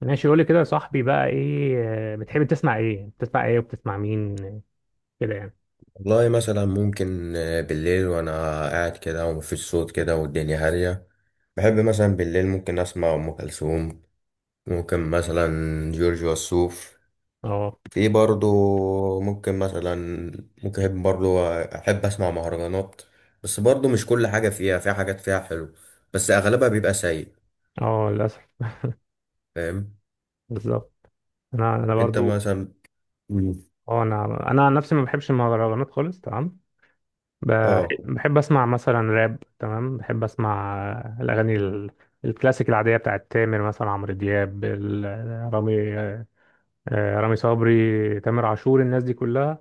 ماشي قولي كده يا صاحبي بقى ايه. بتحب تسمع ايه بتسمع ايه وبتسمع مين كده يعني. والله مثلا ممكن بالليل وانا قاعد كده ومفيش صوت كده والدنيا هادية. بحب مثلا بالليل ممكن اسمع ام كلثوم، ممكن مثلا جورج وسوف، اه في برضو. ممكن مثلا ممكن احب برضو احب اسمع مهرجانات، بس برضو مش كل حاجة فيها، في حاجات فيها حلو بس اغلبها بيبقى سيء. اه للاسف. فاهم. بالظبط. انا انت برضو. مثلا. مم. اه انا عن نفسي ما بحبش المهرجانات خالص. تمام. اه، بحب اسمع مثلا راب. تمام بحب اسمع الاغاني الكلاسيك العاديه بتاعت تامر مثلا عمرو دياب رامي، رامي صبري تامر عاشور الناس دي كلها.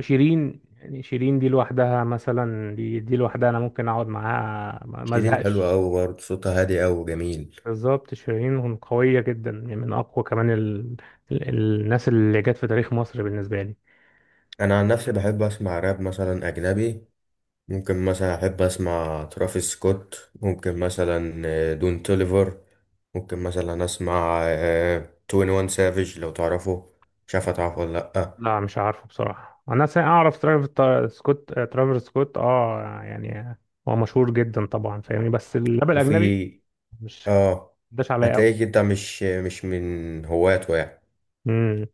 شيرين، يعني شيرين دي لوحدها، مثلا دي لوحدها انا ممكن اقعد معاها ما شيرين حلوة ازهقش. أوي برضه، صوتها هادي أوي وجميل. بالظبط شيرين قوية جدا، يعني من أقوى كمان ال... الناس اللي جت في تاريخ مصر بالنسبة لي. أنا عن نفسي بحب أسمع راب مثلا أجنبي، ممكن مثلا أحب أسمع ترافيس سكوت، ممكن مثلا دون توليفر، ممكن مثلا أسمع توين وان سافيج لو تعرفه. مش عارف هتعرفه ولا لأ. لا مش عارفه بصراحة، أنا أعرف سكوت، ترافر سكوت أه يعني. هو مشهور جدا طبعا فاهمني، بس الراب وفي الأجنبي مش آه، داش عليا هتلاقيك أوي. أنت مش من هواته يعني. امم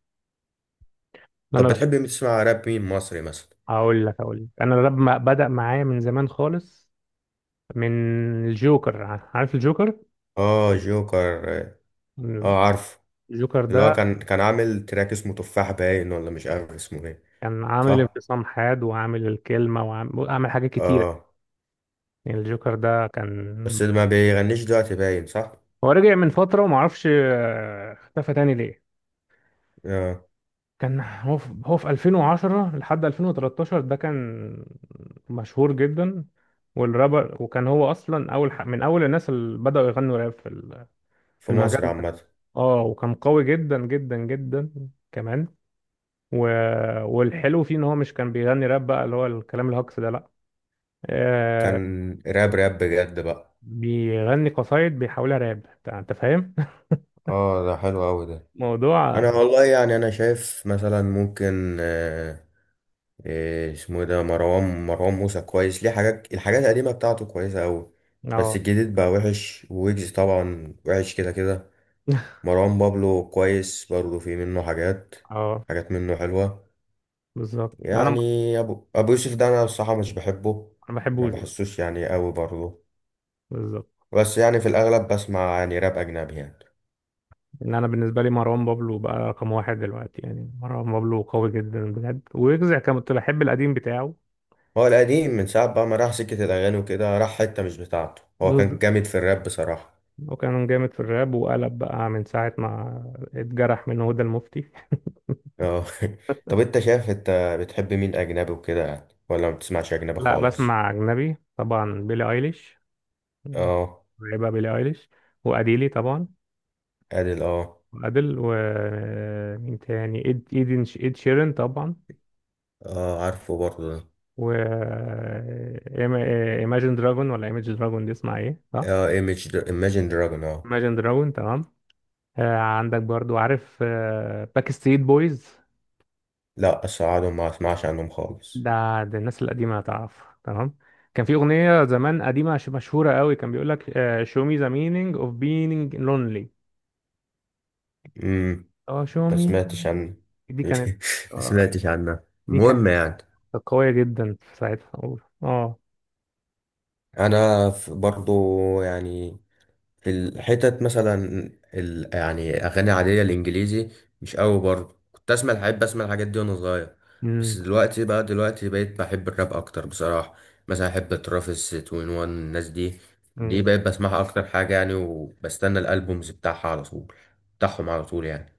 طب أنا بحب. بتحب تسمع راب مين مصري مثلا؟ أقول لك أنا الراب بدأ معايا من زمان خالص، من الجوكر، عارف الجوكر؟ آه جوكر، آه عارف. الجوكر اللي هو ده كان عامل تراك اسمه تفاح باين، ولا مش عارف اسمه ايه كان عامل صح؟ انفصام حاد، وعامل الكلمة، وعامل حاجات كتيرة. آه. يعني الجوكر ده كان، بس ما بيغنيش دلوقتي باين صح؟ هو رجع من فترة ومعرفش اختفى تاني ليه. آه. كان هو في 2010 لحد 2013، ده كان مشهور جدا والرابر، وكان هو أصلا أول من أول الناس اللي بدأوا يغنوا راب في في في المجال مصر ده. عامة. اه وكان قوي جدا جدا جدا كمان، و... والحلو فيه إن هو مش كان بيغني راب بقى اللي هو الكلام الهجص ده، لأ. آه، كان راب راب بجد بقى. بيغني قصايد بيحولها راب. أنت فاهم؟ اه ده حلو قوي ده. موضوع. انا والله يعني انا شايف مثلا ممكن إيه اسمه إيه ده، مروان موسى كويس. ليه الحاجات القديمه بتاعته كويسه قوي. بس اه الجديد بقى وحش، ويجز طبعا وحش كده كده. مروان بابلو كويس برضه، في منه حاجات، اه حاجات منه حلوه. بالظبط. لا انا يعني يعني ابو يوسف ده انا الصراحه مش بحبه. ما ما بحبوش برضه. بحسوش يعني قوي برضه. بالظبط. بس يعني في الاغلب بسمع يعني راب اجنبي يعني. ان انا بالنسبه لي مروان بابلو بقى رقم واحد دلوقتي، يعني مروان بابلو قوي جدا بجد، ويجزع كنت بحب القديم بتاعه. هو القديم من ساعة بقى ما راح سكة الأغاني وكده، راح حتة مش بتاعته. هو كان بالظبط. جامد في الراب بصراحة. وكان جامد في الراب، وقلب بقى من ساعه ما اتجرح من هدى المفتي. اه. طب انت شايف، انت بتحب مين أجنبي وكده يعني، ولا ما بتسمعش أجنبي لا خالص؟ بسمع اجنبي طبعا، بيلي ايليش اه. بقى، بيلي ايليش، واديلي طبعا، أديل اه. وادل، ومين تاني، ايدن، ايد شيرين طبعا. اه عارفه برضه ده. و إيما- إيماجين دراجون، ولا ايماجين دراجون، دي اسمها ايه صح؟ اه، ايماجين دراجون اه. Imagine Dragon، تمام. آه عندك برضو عارف آه باك ستريت بويز. لا أسعدهم، ما أسمعش عنهم خالص. ده ده الناس القديمة هتعرف، تمام. كان في أغنية زمان قديمة مشهورة قوي، كان بيقول لك آه show me the meaning of being lonely. امم اه show ما me. سمعتش عنه. دي كانت، ما آه، سمعتش عنه. دي كانت المهم يعني. قوية جدا في ساعتها. اه. أنا برضه يعني، الحتت مثلا، يعني اغاني عاديه الانجليزي مش قوي برضه. كنت اسمع بحب اسمع الحاجات دي وانا صغير. مم. بس دلوقتي بقيت بحب الراب اكتر بصراحه. مثلا احب ترافيس 21، الناس دي بقيت بسمعها اكتر حاجه يعني، وبستنى الالبومز بتاعها على طول بتاعهم على طول يعني.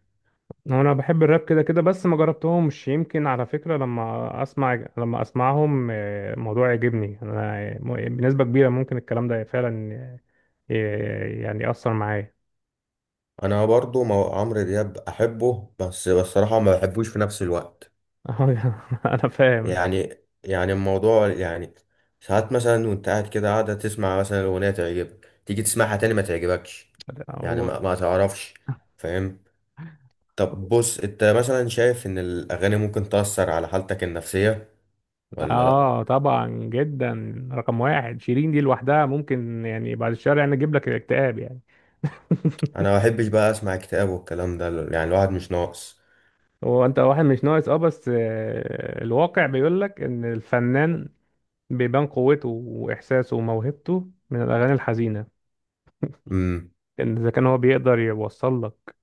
هو انا بحب الراب كده كده، بس ما جربتهمش، يمكن على فكرة لما اسمع، لما اسمعهم الموضوع يعجبني انا، بنسبة كبيرة ممكن الكلام ده فعلا يعني يأثر معايا. انا برضه عمرو دياب احبه، بس بصراحه ما بحبوش في نفس الوقت. انا فاهم. يعني الموضوع يعني. ساعات مثلا، وانت قاعدة تسمع مثلا أغنية تعجبك، تيجي تسمعها تاني ما تعجبكش. يعني هو ما تعرفش. فاهم. طب بص، انت مثلا شايف ان الأغاني ممكن تأثر على حالتك النفسية، ولا لأ؟ اه طبعا جدا، رقم واحد شيرين دي لوحدها ممكن يعني بعد الشهر يعني اجيب لك اكتئاب يعني. انا ما بحبش بقى اسمع اكتئاب والكلام ده، يعني الواحد مش ناقص. هو انت واحد مش ناقص، اه، بس الواقع بيقول لك ان الفنان بيبان قوته وإحساسه وموهبته من الأغاني الحزينة. امم. لأن إذا كان هو بيقدر يوصل لك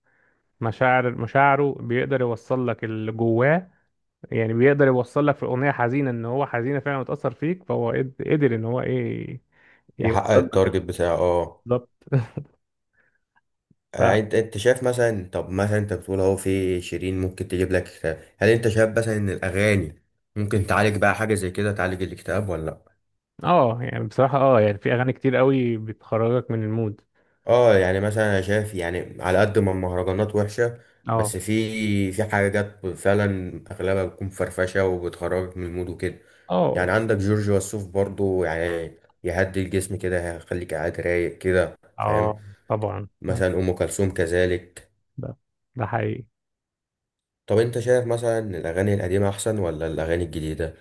مشاعره بيقدر يوصل لك اللي جواه، يعني بيقدر يوصل لك في أغنية حزينة إن هو حزينة فعلا متأثر فيك، فهو قدر إن هو إيه يحقق يوصل لك التارجت بتاعه اه. بالظبط. ف انت شايف مثلا، طب انت بتقول اهو في شيرين ممكن تجيب لك اكتئاب، هل انت شايف مثلا ان الاغاني ممكن تعالج بقى حاجه زي كده، تعالج الاكتئاب ولا لا؟ اه يعني بصراحة اه يعني في أغاني كتير قوي بتخرجك من المود. اه يعني مثلا انا شايف يعني، على قد ما المهرجانات وحشه، اه بس في حاجات فعلا اغلبها بتكون فرفشه وبتخرجك من المود وكده. يعني اه عندك جورج وسوف برضو يعني، يهدي الجسم كده، هيخليك قاعد رايق كده. فاهم. اه طبعا أيوة،. مثلا ام كلثوم كذلك. ده ده حقيقي. طب انت شايف مثلا ان الاغاني القديمه احسن ولا الاغاني الجديده؟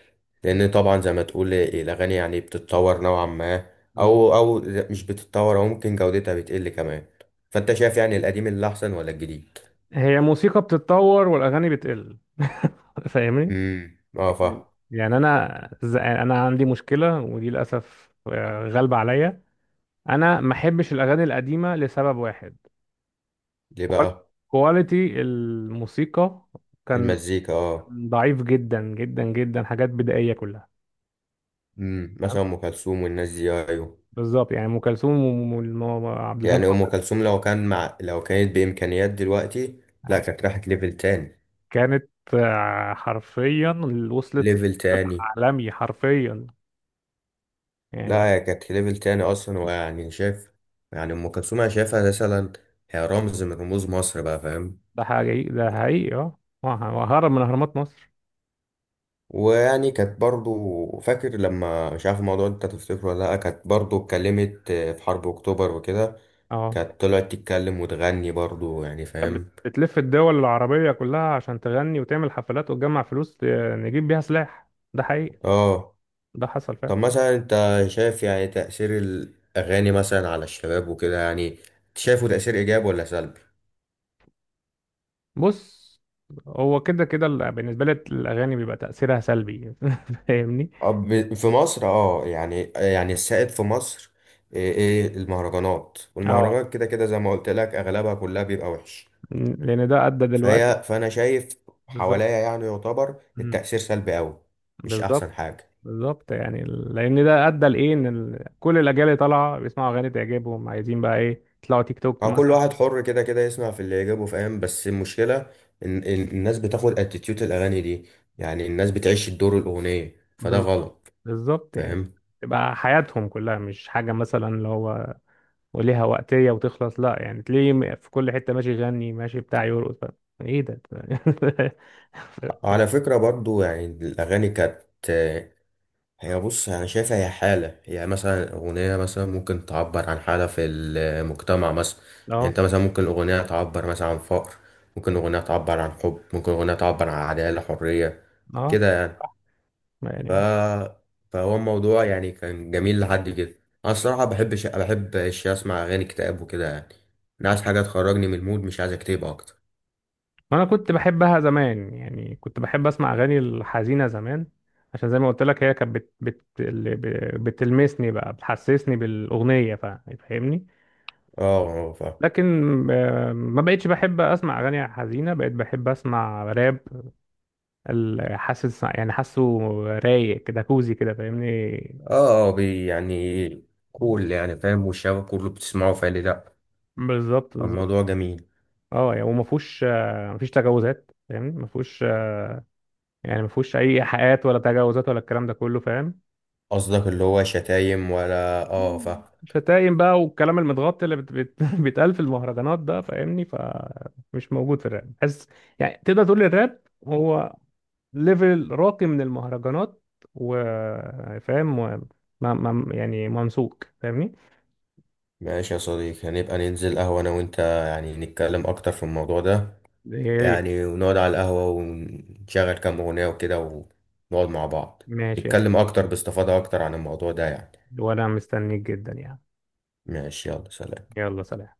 لان طبعا زي ما تقول الاغاني يعني بتتطور نوعا ما، او مش بتتطور، او ممكن جودتها بتقل كمان. فانت شايف يعني القديم اللي احسن ولا الجديد؟ هي موسيقى بتتطور والأغاني بتقل. فاهمني. امم، اه فاهم. يعني انا انا عندي مشكله ودي للاسف غالبه عليا. انا ما احبش الاغاني القديمه لسبب واحد، ليه بقى؟ كواليتي الموسيقى كان المزيكا اه. ضعيف جدا جدا جدا، حاجات بدائيه كلها. امم، مثلا تمام ام كلثوم والناس دي ايوه. بالظبط، يعني ام كلثوم وعبد الحليم يعني ام حافظ كلثوم، لو كانت بامكانيات دلوقتي، لا كانت راحت ليفل تاني. كانت حرفيا وصلت ليفل تاني. العالمي حرفيا يعني. لا، هي كانت ليفل تاني اصلا، ويعني شايف، يعني ام كلثوم انا شايفها مثلا هي رمز من رموز مصر بقى. فاهم. ده حقيقي ده حقيقي. اه وهرب من اهرامات مصر. ويعني كانت برضو، فاكر لما مش عارف، الموضوع انت تفتكره ولا لا، كانت برضو اتكلمت في حرب اكتوبر وكده. اه كانت طلعت تتكلم وتغني برضو يعني. كانت فاهم بتلف الدول العربية كلها عشان تغني وتعمل حفلات وتجمع فلوس نجيب بيها سلاح. ده حقيقي، اه. ده حصل طب فعلا. مثلا انت شايف يعني تأثير الاغاني مثلا على الشباب وكده يعني، شايفه تأثير ايجابي ولا سلبي؟ بص هو كده كده بالنسبة لي الأغاني بيبقى تأثيرها سلبي. فاهمني؟ في مصر اه يعني، يعني السائد في مصر ايه، المهرجانات. اه والمهرجانات كده كده زي ما قلت لك اغلبها كلها بيبقى وحش. لأن ده أدى دلوقتي. فانا شايف حواليا بالظبط. يعني، يعتبر مم. التأثير سلبي قوي. مش احسن بالظبط حاجة. بالظبط، يعني لأن ده أدى لإيه، إن كل الأجيال اللي طالعة بيسمعوا أغاني تعجبهم عايزين بقى إيه يطلعوا تيك توك هو كل مثلا. واحد حر كده كده يسمع في اللي يجيبه فاهم، بس المشكلة إن الناس بتاخد اتيتيود الاغاني دي، يعني الناس بتعيش الدور الاغنية فده بالظبط غلط. بالظبط يعني فاهم. تبقى حياتهم كلها، مش حاجة مثلا اللي هو وليها وقتية وتخلص، لا يعني تلاقيه في كل حتة ماشي يغني ماشي بتاع يرقص بقى. ايه ده على فكرة برضو يعني الاغاني كانت هي، بص انا شايفها هي حاله، هي مثلا اغنيه مثلا ممكن تعبر عن حاله في المجتمع مثلا. يعني اه انت مثلا ممكن اغنيه تعبر مثلا عن فقر، ممكن اغنيه تعبر عن حب، ممكن اغنيه تعبر عن عداله حريه، اه كده يعني. يعني. ف فهو الموضوع يعني كان جميل لحد كده. انا الصراحه بحب اسمع اغاني اكتئاب وكده يعني. انا عايز حاجه تخرجني من المود مش عايز اكتئب اكتر. انا كنت بحبها زمان، يعني كنت بحب اسمع اغاني الحزينة زمان، عشان زي ما قلت لك هي كانت اللي بتلمسني بقى بتحسسني بالأغنية فاهمني. اه اه فاهم. لكن ما بقتش بحب اسمع اغاني حزينة، بقيت بحب اسمع راب حاسس يعني حاسه رايق كده، كوزي كده فاهمني. اه اه، يعني كول يعني، فاهم، والشباب كله بتسمعه فقال لي لا. بالظبط بالظبط. الموضوع جميل. اه يعني وما فيهوش ما فيش تجاوزات فاهمني، ما فيهوش يعني ما فيهوش اي ايحاءات ولا تجاوزات ولا الكلام ده كله فاهم. قصدك اللي هو شتايم ولا اه فاهم. شتايم بقى والكلام المتغطي اللي بيتقال في المهرجانات ده فاهمني، فمش موجود في الراب. بس يعني تقدر تقول الراب هو ليفل راقي من المهرجانات، وفاهم و... ما... ما... يعني ممسوك فاهمني. ماشي يا صديقي، هنبقى ننزل قهوة أنا وأنت، يعني نتكلم أكتر في الموضوع ده إيه،. يعني، ونقعد على القهوة، ونشغل كام أغنية وكده، ونقعد مع بعض، ماشي يا سيدي نتكلم أكتر باستفاضة أكتر عن الموضوع ده يعني. وانا مستنيك جدا يعني. ماشي يلا سلام. يلا سلام.